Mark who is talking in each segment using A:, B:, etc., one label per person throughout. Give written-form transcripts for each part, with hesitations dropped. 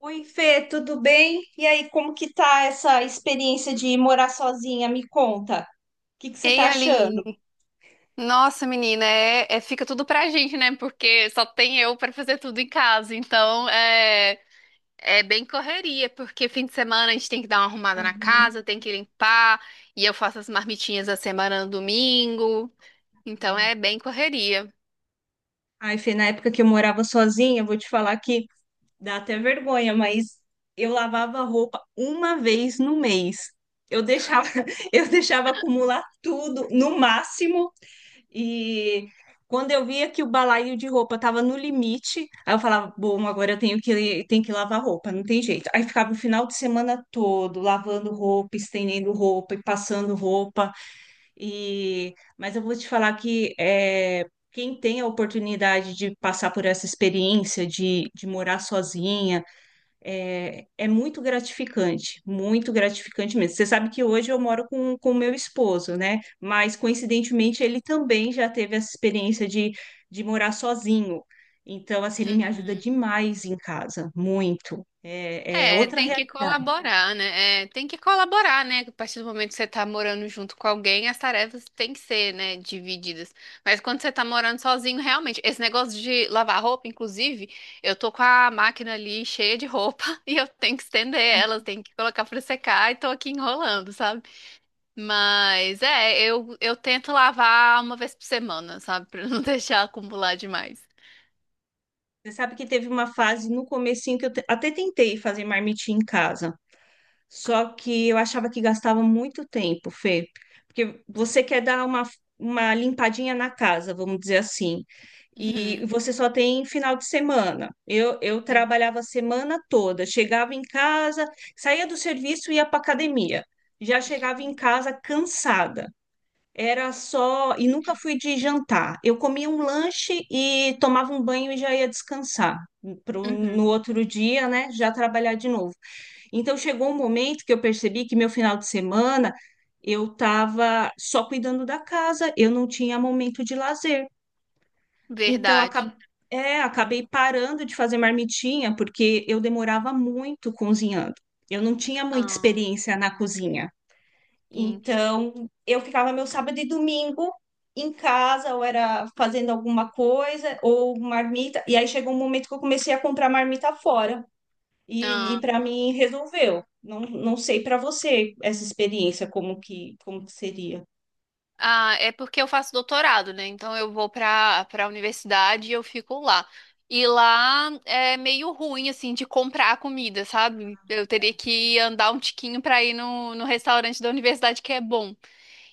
A: Oi, Fê, tudo bem? E aí, como que tá essa experiência de morar sozinha? Me conta. O que que você
B: Ei,
A: tá achando?
B: Aline. Nossa, menina, fica tudo pra gente, né? Porque só tem eu pra fazer tudo em casa. Então, é bem correria, porque fim de semana a gente tem que dar uma arrumada na
A: Uhum.
B: casa, tem que limpar, e eu faço as marmitinhas da semana no domingo. Então, é bem correria.
A: Ai, Fê, na época que eu morava sozinha, eu vou te falar que dá até vergonha, mas eu lavava roupa uma vez no mês. Eu deixava, eu deixava acumular tudo, no máximo. E quando eu via que o balaio de roupa tava no limite, aí eu falava: bom, agora eu tenho que lavar roupa, não tem jeito. Aí ficava o final de semana todo lavando roupa, estendendo roupa e passando roupa. Mas eu vou te falar que quem tem a oportunidade de passar por essa experiência de morar sozinha, é muito gratificante mesmo. Você sabe que hoje eu moro com o meu esposo, né? Mas coincidentemente ele também já teve essa experiência de morar sozinho. Então, assim, ele me ajuda
B: Uhum.
A: demais em casa, muito. É
B: É,
A: outra
B: tem entendeu? Que
A: realidade.
B: colaborar, né? É, tem que colaborar, né? A partir do momento que você tá morando junto com alguém, as tarefas têm que ser, né, divididas. Mas quando você tá morando sozinho, realmente, esse negócio de lavar roupa, inclusive, eu tô com a máquina ali cheia de roupa e eu tenho que estender elas, tenho que colocar pra secar e tô aqui enrolando, sabe? Mas é, eu tento lavar uma vez por semana, sabe? Pra não deixar acumular demais.
A: Você sabe que teve uma fase no comecinho que eu até tentei fazer marmitinha em casa. Só que eu achava que gastava muito tempo, Fê, porque você quer dar uma limpadinha na casa, vamos dizer assim, e
B: Uhum.
A: você só tem final de semana. Eu trabalhava a semana toda, chegava em casa, saía do serviço e ia para academia. Já chegava em casa cansada. Era só, e nunca fui de jantar. Eu comia um lanche e tomava um banho e já ia descansar.
B: Uhum.
A: No outro dia, né, já trabalhar de novo. Então chegou um momento que eu percebi que, meu final de semana, eu estava só cuidando da casa, eu não tinha momento de lazer. Então
B: Verdade.
A: acab- Acabei parando de fazer marmitinha porque eu demorava muito cozinhando. Eu não tinha muita
B: Ah,
A: experiência na cozinha.
B: sim.
A: Então eu ficava meu sábado e domingo em casa, ou era fazendo alguma coisa, ou marmita. E aí chegou um momento que eu comecei a comprar marmita fora. E para mim resolveu. Não, não sei para você essa experiência como que seria.
B: Ah, é porque eu faço doutorado, né? Então eu vou para a universidade e eu fico lá. E lá é meio ruim, assim, de comprar a comida, sabe? Eu teria que andar um tiquinho para ir no restaurante da universidade que é bom.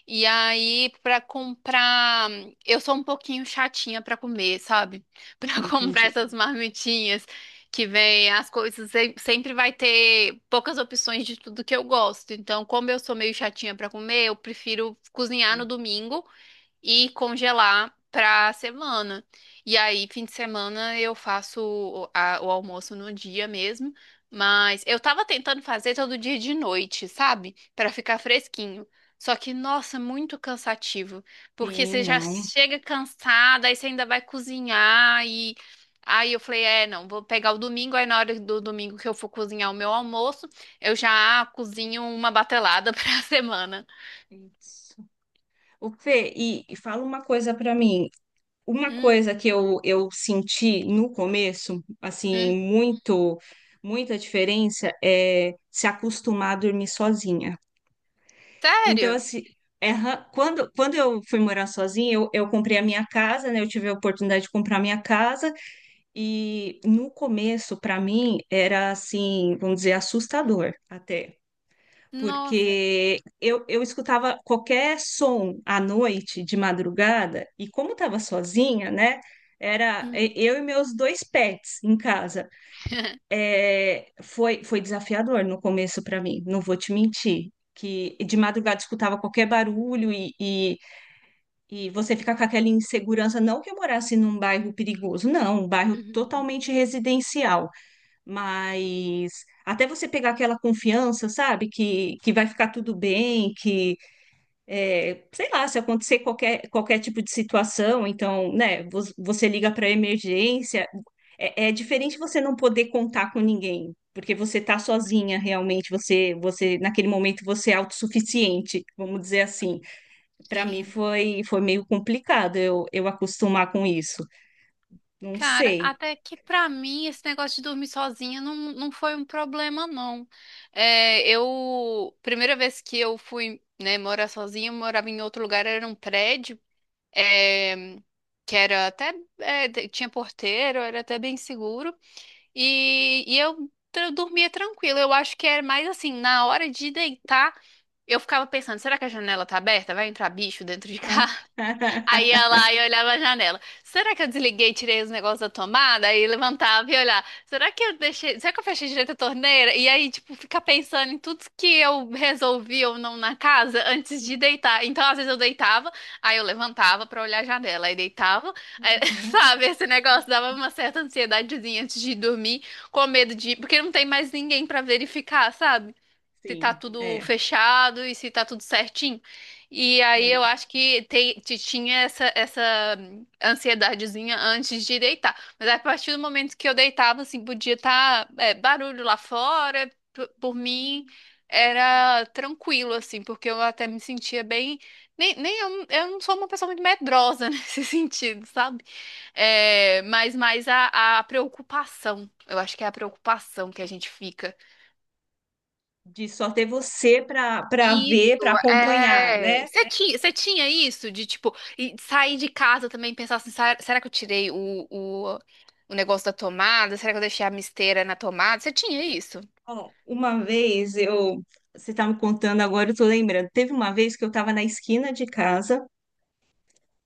B: E aí, pra comprar, eu sou um pouquinho chatinha pra comer, sabe? Pra
A: Ah,
B: comprar
A: entendi.
B: essas marmitinhas que vem as coisas, sempre vai ter poucas opções de tudo que eu gosto. Então, como eu sou meio chatinha pra comer, eu prefiro cozinhar no
A: É.
B: domingo e congelar pra semana. E aí, fim de semana, eu faço o almoço no dia mesmo. Mas eu tava tentando fazer todo dia de noite, sabe? Pra ficar fresquinho. Só que, nossa, muito cansativo. Porque
A: Sim,
B: você já
A: não.
B: chega cansada, aí você ainda vai cozinhar e. Aí eu falei, é, não, vou pegar o domingo, aí na hora do domingo que eu for cozinhar o meu almoço, eu já cozinho uma batelada pra semana.
A: Isso. O Fê, e fala uma coisa para mim. Uma
B: Hum,
A: coisa que eu senti no começo,
B: hum.
A: assim, muita diferença, é se acostumar a dormir sozinha. Então,
B: Sério?
A: assim, quando eu fui morar sozinha, eu comprei a minha casa, né? Eu tive a oportunidade de comprar a minha casa. E no começo, para mim, era assim, vamos dizer, assustador até,
B: Nossa.
A: porque eu escutava qualquer som à noite, de madrugada, e como estava sozinha, né? Era
B: Uhum.
A: eu e meus dois pets em casa. É, foi desafiador no começo para mim, não vou te mentir. Que de madrugada escutava qualquer barulho e você fica com aquela insegurança. Não que eu morasse num bairro perigoso, não, um bairro
B: Uhum.
A: totalmente residencial. Mas até você pegar aquela confiança, sabe? Que vai ficar tudo bem, sei lá, se acontecer qualquer tipo de situação, então, né, você liga para emergência. É diferente você não poder contar com ninguém, porque você tá sozinha realmente. Você, naquele momento, você é autossuficiente, vamos dizer assim. Para mim
B: Sim.
A: foi meio complicado eu acostumar com isso. Não
B: Cara,
A: sei.
B: até que pra mim esse negócio de dormir sozinha não, não foi um problema, não. É, eu, primeira vez que eu fui, né, morar sozinha, eu morava em outro lugar, era um prédio, é, que era até, tinha porteiro, era até bem seguro, e, dormia tranquila. Eu acho que era mais assim, na hora de deitar, eu ficava pensando, será que a janela tá aberta? Vai entrar bicho dentro de casa? Aí ia lá e olhava a janela. Será que eu desliguei e tirei os negócios da tomada? Aí levantava e olhava. Será que eu deixei. Será que eu fechei direito a torneira? E aí, tipo, ficar pensando em tudo que eu resolvi ou não na casa antes de deitar. Então, às vezes eu deitava, aí eu levantava pra olhar a janela. Aí deitava, aí, sabe? Esse negócio dava uma certa ansiedadezinha antes de dormir, com medo de. Porque não tem mais ninguém pra verificar, sabe? Se tá
A: Sim,
B: tudo
A: é,
B: fechado e se tá tudo certinho. E aí
A: é.
B: eu acho que te- te tinha essa ansiedadezinha antes de deitar. Mas a partir do momento que eu deitava, assim, podia estar barulho lá fora, por mim era tranquilo, assim, porque eu até me sentia bem. Nem, nem eu, eu não sou uma pessoa muito medrosa nesse sentido, sabe? É, mas mais a preocupação. Eu acho que é a preocupação que a gente fica.
A: De só ter você para ver, para
B: Isso,
A: acompanhar,
B: é.
A: né?
B: Você tinha isso de, tipo, e sair de casa também e pensar assim: será que eu tirei o negócio da tomada? Será que eu deixei a misteira na tomada? Você tinha isso?
A: Ó, você estava me contando agora, eu tô lembrando. Teve uma vez que eu estava na esquina de casa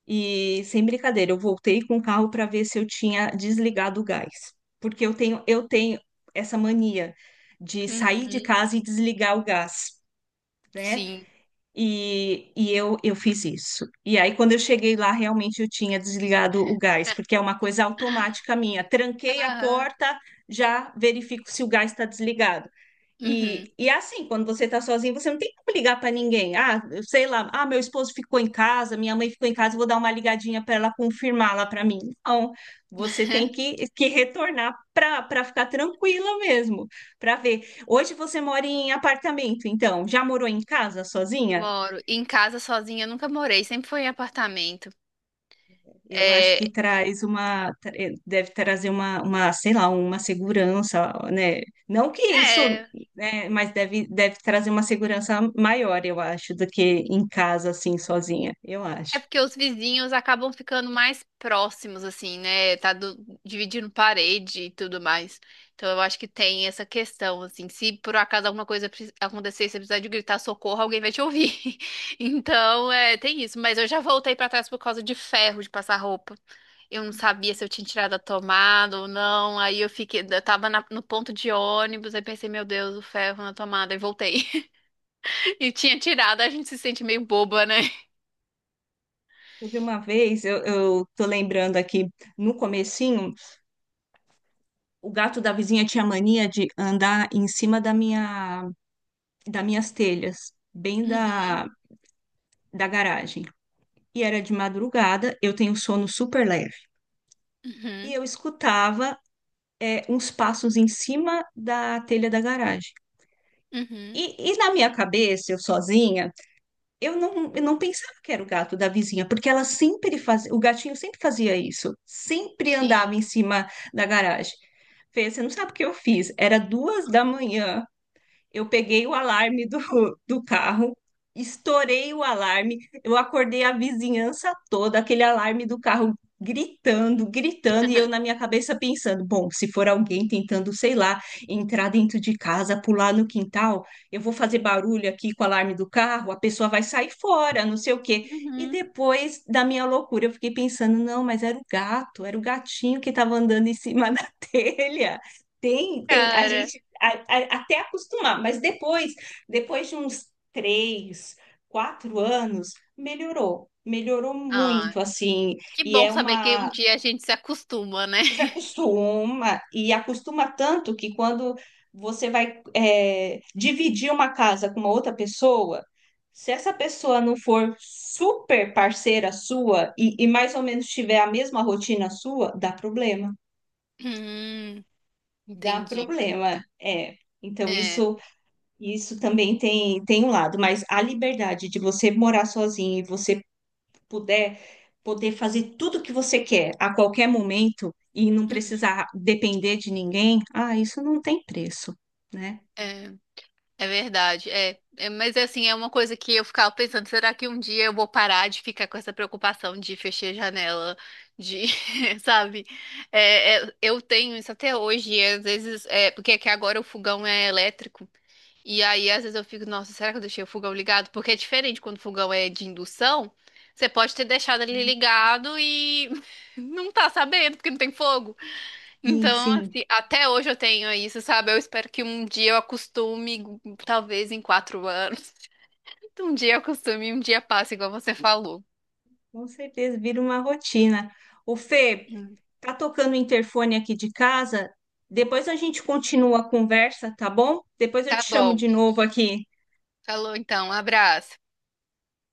A: e, sem brincadeira, eu voltei com o carro para ver se eu tinha desligado o gás, porque eu tenho essa mania de sair de
B: Uhum,
A: casa e desligar o gás, né?
B: sim.
A: E eu fiz isso. E aí, quando eu cheguei lá, realmente eu tinha desligado o gás, porque é uma coisa automática minha. Tranquei a
B: Aham.
A: porta, já verifico se o gás está desligado.
B: Uhum.
A: E é assim, quando você está sozinho, você não tem como ligar para ninguém. Ah, eu sei lá, ah, meu esposo ficou em casa, minha mãe ficou em casa, vou dar uma ligadinha para ela confirmar lá para mim. Não, você tem que retornar para ficar tranquila mesmo, para ver. Hoje você mora em apartamento, então, já morou em casa sozinha?
B: Moro. Em casa sozinha eu nunca morei, sempre foi em apartamento.
A: Eu acho
B: É,
A: que traz deve trazer sei lá, uma segurança, né? Não que isso,
B: é.
A: né, mas deve trazer uma segurança maior, eu acho, do que em casa, assim, sozinha, eu
B: É
A: acho.
B: porque os vizinhos acabam ficando mais próximos, assim, né? Dividindo parede e tudo mais. Então eu acho que tem essa questão, assim. Se por acaso alguma coisa acontecer, e você precisar de gritar socorro, alguém vai te ouvir. Então, é, tem isso. Mas eu já voltei pra trás por causa de ferro de passar roupa. Eu não sabia se eu tinha tirado a tomada ou não. Aí eu fiquei, eu tava no ponto de ônibus, aí pensei, meu Deus, o ferro na tomada, e voltei. E tinha tirado, a gente se sente meio boba, né?
A: Houve uma vez, eu tô lembrando aqui, no comecinho, o gato da vizinha tinha mania de andar em cima das minhas telhas, bem
B: Uhum,
A: da garagem. E era de madrugada, eu tenho sono super leve. E
B: uhum.
A: eu escutava uns passos em cima da telha da garagem.
B: Uhum,
A: E na minha cabeça, eu sozinha, eu não pensava que era o gato da vizinha, porque ela sempre fazia, o gatinho sempre fazia isso, sempre andava em
B: sim.
A: cima da garagem. Fê, você não sabe o que eu fiz? Era 2 da manhã, eu peguei o alarme do, do carro, estourei o alarme, eu acordei a vizinhança toda, aquele alarme do carro gritando, gritando, e eu
B: Aham.
A: na minha cabeça pensando: bom, se for alguém tentando, sei lá, entrar dentro de casa, pular no quintal, eu vou fazer barulho aqui com o alarme do carro, a pessoa vai sair fora, não sei o quê. E
B: Uhum,
A: depois da minha loucura, eu fiquei pensando: não, mas era o gato, era o gatinho que estava andando em cima da telha. A
B: cara.
A: gente até acostumar, mas depois de uns 3, 4 anos, melhorou, melhorou
B: Ah,
A: muito, assim,
B: que
A: e
B: bom saber que um dia a gente se acostuma, né?
A: você acostuma, e acostuma tanto que, quando você vai dividir uma casa com uma outra pessoa, se essa pessoa não for super parceira sua e mais ou menos tiver a mesma rotina sua,
B: Hum,
A: dá
B: entendi.
A: problema, é. Então,
B: É,
A: isso Isso também tem um lado, mas a liberdade de você morar sozinho e você puder poder fazer tudo o que você quer a qualquer momento e não
B: uhum,
A: precisar depender de ninguém, ah, isso não tem preço, né?
B: é, é verdade. É, é, mas assim, é uma coisa que eu ficava pensando, será que um dia eu vou parar de ficar com essa preocupação de fechar a janela, de, sabe? É, é, eu tenho isso até hoje, e às vezes, é, porque é que agora o fogão é elétrico. E aí, às vezes eu fico, nossa, será que eu deixei o fogão ligado? Porque é diferente quando o fogão é de indução. Você pode ter deixado ele ligado e não tá sabendo, porque não tem fogo.
A: Sim,
B: Então,
A: sim,
B: assim, até hoje eu tenho isso, sabe? Eu espero que um dia eu acostume, talvez em 4 anos. Um dia eu acostume, um dia passa, igual você falou.
A: com certeza, vira uma rotina. O Fê,
B: Hum.
A: tá tocando o interfone aqui de casa, depois a gente continua a conversa, tá bom? Depois eu te
B: Tá
A: chamo
B: bom.
A: de novo aqui.
B: Falou então, um abraço.